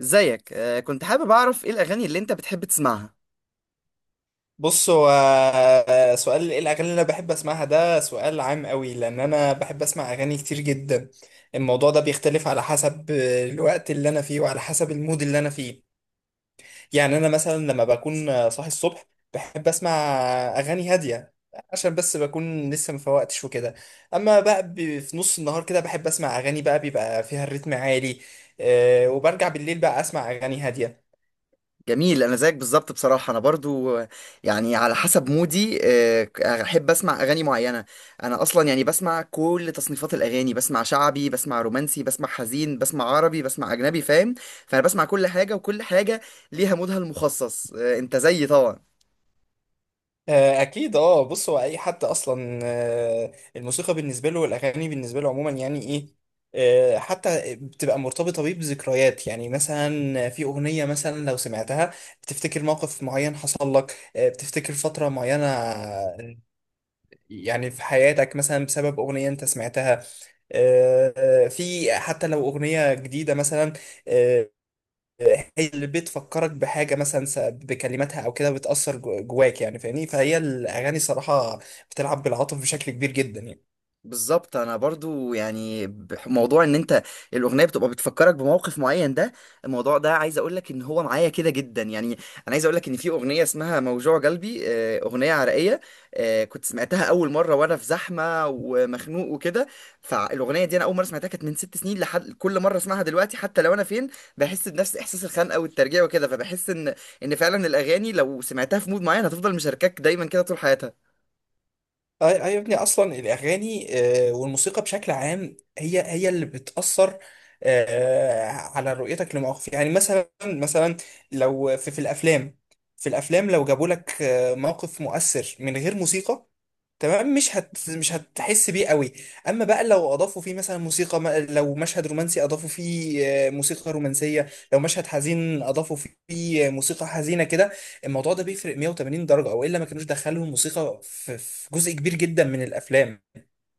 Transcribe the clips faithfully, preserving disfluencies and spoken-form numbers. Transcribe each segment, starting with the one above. ازيك آه، كنت حابب اعرف ايه الاغاني اللي انت بتحب تسمعها. بص، هو سؤال ايه الاغاني اللي انا بحب اسمعها؟ ده سؤال عام قوي لان انا بحب اسمع اغاني كتير جدا. الموضوع ده بيختلف على حسب الوقت اللي انا فيه وعلى حسب المود اللي انا فيه. يعني انا مثلا لما بكون صاحي الصبح بحب اسمع اغاني هادية عشان بس بكون لسه مفوقتش وكده. اما بقى ب- في نص النهار كده بحب اسمع اغاني بقى بيبقى فيها الريتم عالي. آه، وبرجع بالليل بقى اسمع اغاني هادية. جميل، انا زيك بالظبط. بصراحه انا برضو آه، يعني على حسب مودي آه، احب اسمع اغاني معينه. انا اصلا يعني بسمع كل تصنيفات الاغاني، بسمع شعبي، بسمع رومانسي، بسمع حزين، بسمع عربي، بسمع اجنبي، فاهم؟ فانا بسمع كل حاجه، وكل حاجه ليها مودها المخصص. آه، انت زيي طبعا. آه، اكيد. اه، بص، هو اي حد اصلا آه، الموسيقى بالنسبه له والاغاني بالنسبه له عموما يعني ايه. آه، حتى بتبقى مرتبطه بيه بذكريات، يعني مثلا في اغنيه مثلا لو سمعتها بتفتكر موقف معين حصل لك، آه، بتفتكر فتره معينه يعني في حياتك مثلا بسبب اغنيه انت سمعتها. آه، في حتى لو أغنية جديدة مثلا، آه، هي اللي بتفكرك بحاجة مثلا س- بكلماتها أو كده بتأثر جو- جواك يعني، فاهمني؟ فهي الأغاني صراحة بتلعب بالعاطف بشكل كبير جدا يعني. بالظبط، انا برضو يعني بح- موضوع ان انت الاغنيه بتبقى بتفكرك بموقف معين، ده الموضوع ده عايز اقول لك ان هو معايا كده جدا. يعني انا عايز اقول لك ان في اغنيه اسمها موجوع قلبي، آه، اغنيه عراقيه. آه، كنت سمعتها اول مره وانا في زحمه ومخنوق وكده. فالاغنيه دي انا اول مره سمعتها كانت من ست سنين، لحد كل مره اسمعها دلوقتي حتى لو انا فين بحس بنفس احساس الخنقه والترجيع وكده، فبحس ان ان فعلا الاغاني لو سمعتها في مود معين هتفضل مشاركاك دايما كده طول حياتها. أي أي، يا ابني أصلا الأغاني آه، والموسيقى بشكل عام هي هي اللي بتأثر آه، على رؤيتك لمواقف، يعني مثلا مثلا لو في, في الأفلام في الأفلام لو جابوا لك آه، موقف مؤثر من غير موسيقى، تمام مش هت مش هتحس بيه قوي. اما بقى لو اضافوا فيه مثلا موسيقى، م- لو مشهد رومانسي اضافوا فيه آه، موسيقى رومانسيه، لو مشهد حزين اضافوا فيه آه، موسيقى حزينه كده. الموضوع ده بيفرق مية وتمانين درجه، او الا ما كانوش دخلوا الموسيقى في في جزء كبير جدا من الافلام.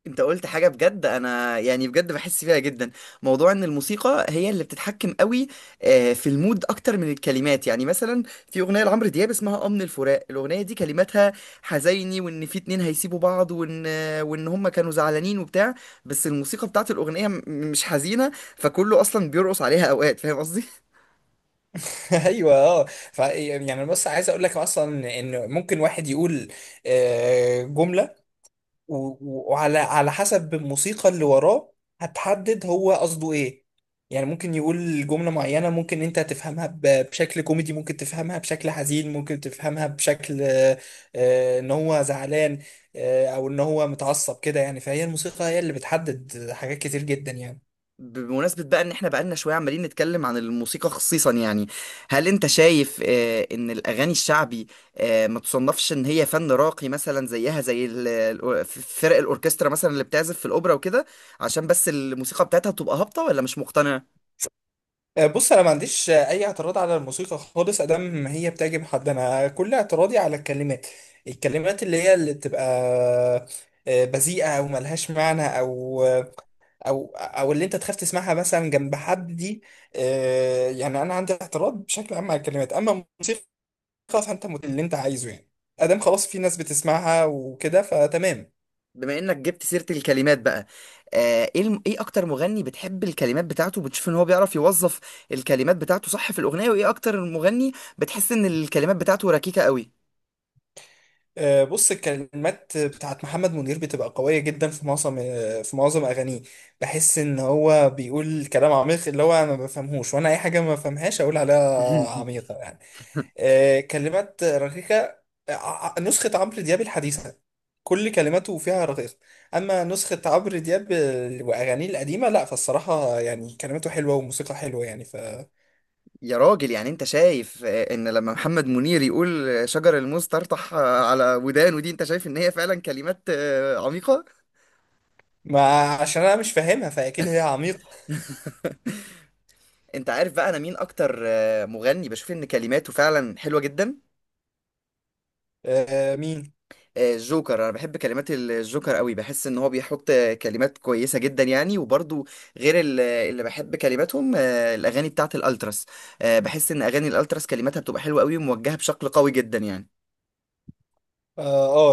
انت قلت حاجة بجد، انا يعني بجد بحس فيها جدا موضوع ان الموسيقى هي اللي بتتحكم قوي آه، في المود اكتر من الكلمات. يعني مثلا في اغنية لعمرو دياب اسمها امن الفراق، الاغنية دي كلماتها حزيني، وان في اتنين هيسيبوا بعض، وان آه، وان هما كانوا زعلانين وبتاع. بس الموسيقى بتاعت الاغنية م- مش حزينة، فكله اصلا بيرقص عليها اوقات، فاهم قصدي؟ ايوه اه. ف يعني، بس عايز اقول لك اصلا ان ممكن واحد يقول آه، جمله، و- و- وعلى على حسب الموسيقى اللي وراه هتحدد هو قصده ايه. يعني ممكن يقول جملة معينة ممكن انت تفهمها ب- بشكل كوميدي، ممكن تفهمها بشكل حزين، ممكن تفهمها بشكل آه، آه، ان هو زعلان، آه، او ان هو متعصب كده، يعني فهي الموسيقى هي اللي بتحدد حاجات كتير جدا يعني. بمناسبة بقى ان احنا بقالنا شوية عمالين نتكلم عن الموسيقى خصيصا، يعني هل انت شايف آه، ان الاغاني الشعبي آه، ما تصنفش ان هي فن راقي، مثلا زيها زي ال- ال- فرق الاوركسترا مثلا اللي بتعزف في الاوبرا وكده، عشان بس الموسيقى بتاعتها بتبقى هابطة، ولا مش مقتنع؟ آه، بص، انا ما عنديش آه، اي اعتراض على الموسيقى خالص ادام ما هي بتعجب حد. انا كل اعتراضي على الكلمات، الكلمات اللي هي اللي بتبقى آه، بذيئه او ملهاش معنى، او او او اللي انت تخاف تسمعها مثلا جنب حد دي. آه، يعني انا عندي اعتراض بشكل عام على الكلمات. اما الموسيقى فانت مت- اللي انت عايزه يعني، ادام خلاص في ناس بتسمعها وكده فتمام. بما انك جبت سيرة الكلمات بقى، آه، ايه الم- ايه اكتر مغني بتحب الكلمات بتاعته؟ بتشوف ان هو بيعرف يوظف الكلمات بتاعته صح في الاغنية؟ وايه اكتر مغني بتحس ان الكلمات بتاعته ركيكة قوي؟ آه، بص، الكلمات بتاعت محمد منير بتبقى قوية جدا في معظم آه، في معظم أغانيه. بحس إن هو بيقول كلام عميق، اللي هو أنا ما بفهمهوش، وأنا أي حاجة ما بفهمهاش أقول عليها عميقة يعني. آه، كلمات رقيقة، ع- نسخة عمرو دياب الحديثة كل كلماته فيها رقيقة. أما نسخة عمرو دياب ال- وأغانيه القديمة لأ، فالصراحة يعني كلماته حلوة وموسيقى حلوة يعني ف يا راجل، يعني انت شايف آه، ان لما محمد منير يقول آه، شجر الموز طرطح آه، على ودانه دي، انت شايف ان هي فعلا كلمات آه، عميقة؟ ما عشان أنا مش فاهمها فأكيد هي عميقة. انت عارف بقى انا مين اكتر آه، مغني بشوف ان كلماته فعلا حلوة جدا؟ آه، مين؟ آه، الجوكر. انا بحب كلمات ال- الجوكر قوي، بحس ان هو بيحط آه، كلمات كويسة جدا يعني. وبرضو غير ال- اللي بحب كلماتهم آه، الاغاني بتاعت الالتراس، آه، بحس ان اغاني الالتراس كلماتها بتبقى حلوة قوي وموجهة بشكل قوي جدا يعني. اه،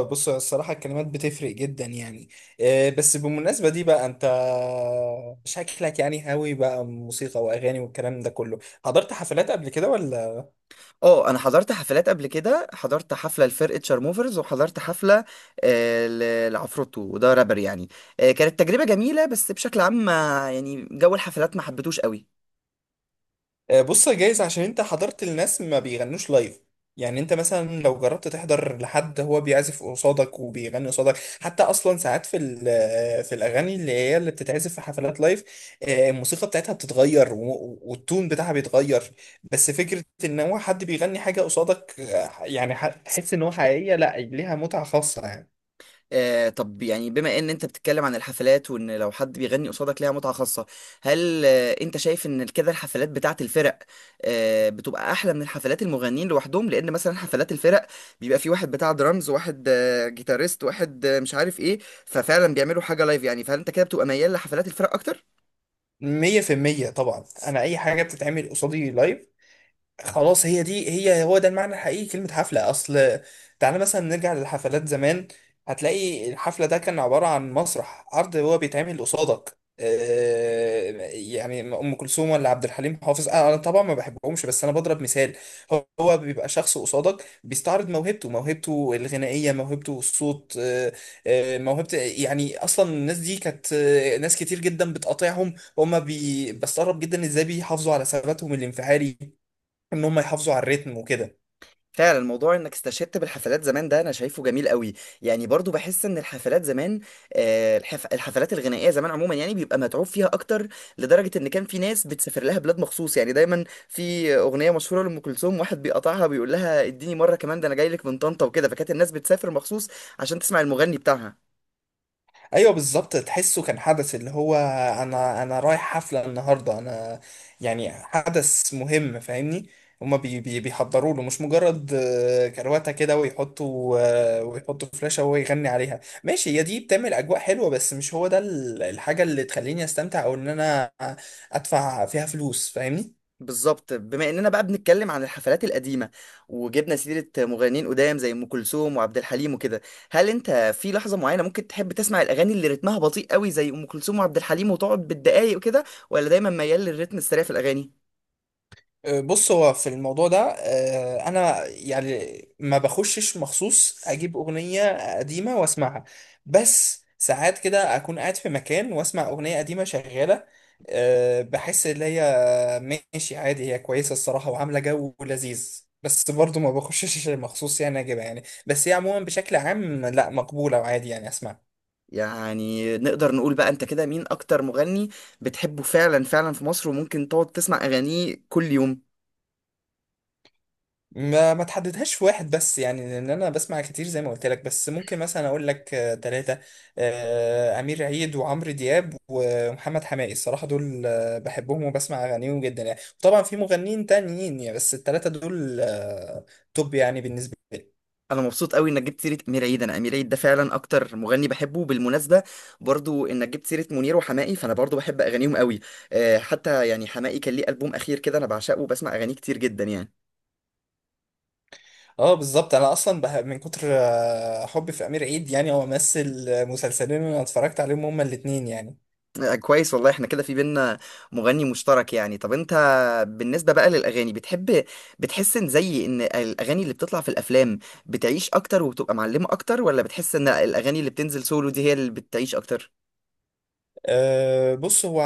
آه، بص الصراحة الكلمات بتفرق جدا يعني. آه بس بالمناسبة دي بقى انت شكلك يعني هاوي بقى موسيقى واغاني والكلام ده كله. حضرت حفلات قبل كده ولا؟ اه، انا حضرت حفلات قبل كده، حضرت حفله لفرقه شارموفرز، وحضرت حفله آه، ل- لعفروتو، وده رابر يعني. آه، كانت تجربه جميله، بس بشكل عام ما- يعني جو الحفلات ما حبيتوش قوي. آه، بص، يا جايز عشان انت حضرت الناس ما بيغنوش لايف. يعني انت مثلا لو جربت تحضر لحد هو بيعزف قصادك وبيغني قصادك، حتى اصلا ساعات في ال- آه، في الاغاني اللي هي اللي بتتعزف في حفلات لايف، آه، الموسيقى بتاعتها بتتغير و- والتون بتاعها بيتغير. بس فكرة ان هو حد بيغني حاجة قصادك، آه، يعني ح- تحس ان هو حقيقية، لا ليها متعة خاصة يعني. آه طب يعني بما ان انت بتتكلم عن الحفلات وان لو حد بيغني قصادك ليها متعة خاصة، هل آه انت شايف ان كده الحفلات بتاعت الفرق آه بتبقى احلى من حفلات المغنيين لوحدهم؟ لان مثلا حفلات الفرق بيبقى في واحد بتاع درامز، واحد آه جيتاريست، واحد آه مش عارف ايه، ففعلا بيعملوا حاجة لايف يعني، فهل انت كده بتبقى ميال لحفلات الفرق اكتر؟ مية في المية طبعا، أنا أي حاجة بتتعمل قصادي لايف خلاص هي دي، هي هو ده المعنى الحقيقي كلمة حفلة. أصل تعالى مثلا نرجع للحفلات زمان، هتلاقي الحفلة ده كان عبارة عن مسرح عرض هو بيتعمل قصادك. آه، يعني أم كلثوم ولا عبد الحليم حافظ، أنا أنا طبعا ما بحبهمش بس أنا بضرب مثال. هو هو بيبقى شخص قصادك بيستعرض موهبته، موهبته الغنائية، موهبته الصوت، آه، آه، موهبة يعني. أصلا الناس دي كانت آه، ناس كتير جدا بتقاطعهم وهم بي... بستغرب جدا إزاي بيحافظوا على ثباتهم الانفعالي، ان هم يحافظوا على الريتم وكده. فعلا الموضوع انك استشهدت بالحفلات زمان ده انا شايفه جميل قوي، يعني برضو بحس ان الحفلات زمان، آه، الحف... الحفلات الغنائيه زمان عموما يعني بيبقى متعوب فيها اكتر، لدرجه ان كان في ناس بتسافر لها بلاد مخصوص، يعني دايما في اغنيه مشهوره لام كلثوم واحد بيقطعها بيقول لها اديني مره كمان، ده انا جاي لك من طنطا وكده، فكانت الناس بتسافر مخصوص عشان تسمع المغني بتاعها. ايوه بالظبط، تحسه كان حدث اللي هو انا انا رايح حفله النهارده. انا يعني حدث مهم، فاهمني؟ هما بي بي بيحضروا له، مش مجرد آه، كرواتة كده ويحطوا آه، ويحطوا فلاشة وهو يغني عليها، ماشي هي دي بتعمل أجواء حلوة. بس مش هو ده ال- الحاجة اللي تخليني أستمتع أو إن أنا أدفع فيها فلوس، فاهمني؟ بالظبط، بما اننا بقى بنتكلم عن الحفلات القديمه وجبنا سيره مغنيين قدام زي ام كلثوم وعبد الحليم وكده، هل انت في لحظه معينه ممكن تحب تسمع الاغاني اللي رتمها بطيء قوي زي ام كلثوم وعبد الحليم وتقعد بالدقايق وكده، ولا دايما ميال للرتم السريع في الاغاني؟ آه، بص، هو في الموضوع ده آه، انا يعني ما بخشش مخصوص اجيب اغنية قديمة واسمعها. بس ساعات كده اكون قاعد في مكان واسمع اغنية قديمة شغالة، آه، بحس ان هي ماشي عادي، هي كويسة الصراحة وعاملة جو لذيذ. بس برضو ما بخشش مخصوص يعني اجيبها يعني، بس هي عموما بشكل عام لا مقبولة وعادي يعني اسمعها. يعني نقدر نقول بقى انت كده مين اكتر مغني بتحبه فعلا فعلا في مصر وممكن تقعد تسمع اغانيه كل يوم؟ ما ما تحددهاش في واحد بس يعني، لان انا بسمع كتير زي ما قلت لك. بس ممكن مثلا اقول لك ثلاثة: امير عيد وعمرو دياب ومحمد حماقي، الصراحة دول آه، بحبهم وبسمع اغانيهم جدا يعني. طبعا في مغنيين تانيين يعني، بس الثلاثة دول آه، توب يعني بالنسبة لي. انا مبسوط قوي انك جبت سيره امير عيد، انا امير عيد ده فعلا اكتر مغني بحبه بالمناسبه. برضو انك جبت سيره منير وحماقي، فانا برضو بحب اغانيهم قوي. آه، حتى يعني حماقي كان ليه البوم اخير كده انا بعشقه وبسمع اغانيه كتير جدا يعني. اه بالظبط، انا اصلا بح- من كتر آه، حبي في امير عيد، يعني هو مثل مسلسلين انا اتفرجت عليهم هما الاتنين يعني. آه، كويس، والله احنا كده في بينا مغني مشترك يعني. طب انت بالنسبه بقى للاغاني بتحب بتحس ان زي ان الاغاني اللي بتطلع في الافلام بتعيش اكتر وبتبقى معلمه اكتر، ولا بتحس ان الاغاني اللي بتنزل سولو دي هي اللي بتعيش اكتر؟ أه بص هو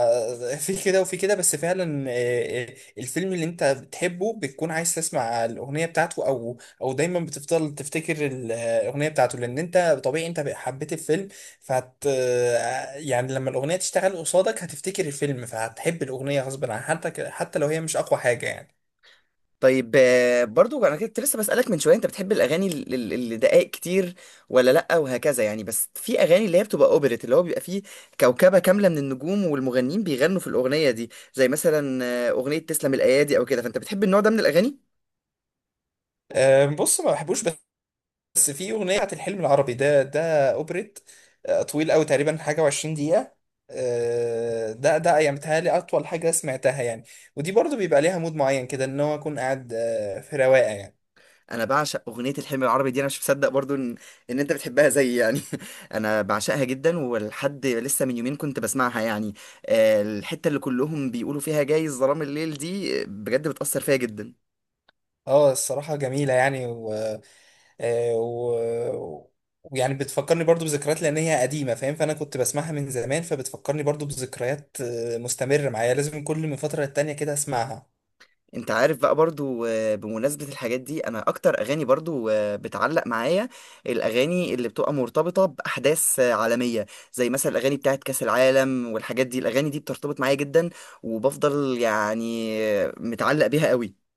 في كده وفي كده، بس فعلا آه، آه، الفيلم اللي انت بتحبه بتكون عايز تسمع الاغنيه بتاعته، او او دايما بتفضل تفتكر ال- آه، الاغنيه بتاعته. لان انت طبيعي انت حبيت الفيلم فهت آه، يعني لما الاغنيه تشتغل قصادك هتفتكر الفيلم فهتحب الاغنيه غصب عن، حتى حتى لو هي مش اقوى حاجه يعني. طيب، آه، برضو انا كنت لسه بسألك من شوية، انت بتحب الاغاني ال- ال- اللي دقائق كتير، ولا لا وهكذا يعني؟ بس في اغاني اللي هي بتبقى اوبريت اللي هو بيبقى فيه كوكبة كاملة من النجوم والمغنيين بيغنوا في الاغنية دي زي مثلا آه، اغنية تسلم الايادي او كده، فانت بتحب النوع ده من الاغاني؟ أه بص، ما بحبوش. بس في اغنيه بتاعت الحلم العربي، ده ده اوبريت آه، طويل قوي، تقريبا حاجه و20 دقيقه. آه، ده ده يعني بتهيألي اطول حاجه سمعتها يعني. ودي برضو بيبقى ليها مود معين كده، ان هو اكون قاعد آه، في رواقه يعني. انا بعشق اغنية الحلم العربي دي، انا مش مصدق برضو ان ان انت بتحبها زي يعني. انا بعشقها جدا، ولحد لسه من يومين كنت بسمعها يعني. آه، الحتة اللي كلهم بيقولوا فيها جاي ظلام الليل دي آه، بجد بتأثر فيها جدا. اه الصراحه جميله يعني، و آه، و- ويعني بتفكرني برضو بذكريات لان هي قديمه، فاهم؟ فانا كنت بسمعها من زمان فبتفكرني برضو بذكريات آه، مستمره معايا، لازم كل من فتره للتانيه كده اسمعها. انت عارف بقى برضو، آه، بمناسبة الحاجات دي انا اكتر اغاني برضو آه، بتعلق معايا، الاغاني اللي بتبقى مرتبطة باحداث آه، عالمية زي مثلا الاغاني بتاعت كاس العالم والحاجات دي، الاغاني دي بترتبط معايا جدا، وبفضل يعني آه، متعلق بيها قوي.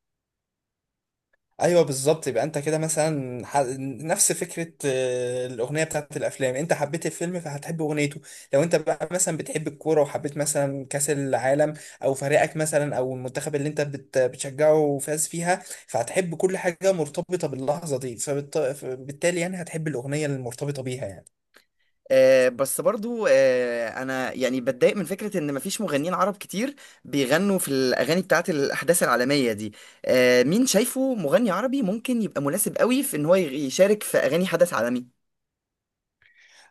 ايوه بالظبط، يبقى انت كده مثلا ح... نفس فكره آه، الاغنيه بتاعت الافلام، انت حبيت الفيلم فهتحب اغنيته. لو انت بقى مثلا بتحب الكوره وحبيت مثلا كاس العالم، او فريقك مثلا، او المنتخب اللي انت بت... بتشجعه فاز فيها، فهتحب كل حاجه مرتبطه باللحظه دي، فبالت... فبالتالي يعني هتحب الاغنيه المرتبطه بيها يعني. آه، بس برضو آه، انا يعني بتضايق من فكرة ان مفيش مغنيين عرب كتير بيغنوا في الاغاني بتاعت الاحداث العالمية دي. آه، مين شايفه مغني عربي ممكن يبقى مناسب قوي في ان هو يشارك في اغاني حدث عالمي؟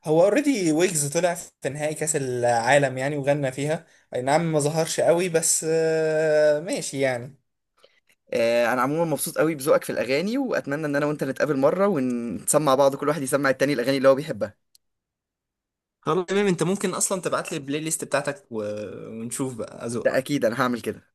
هو اوريدي ويجز طلع في نهائي كاس العالم يعني وغنى فيها، اي نعم ما ظهرش قوي بس آه، ماشي يعني. آه، انا عموما مبسوط قوي بذوقك في الاغاني، واتمنى ان انا وانت نتقابل مره ونسمع بعض كل واحد يسمع التاني الاغاني اللي هو بيحبها. خلاص تمام، انت ممكن اصلا تبعت لي البلاي ليست بتاعتك و... ونشوف بقى ده اذوقك. اكيد انا هعمل كده.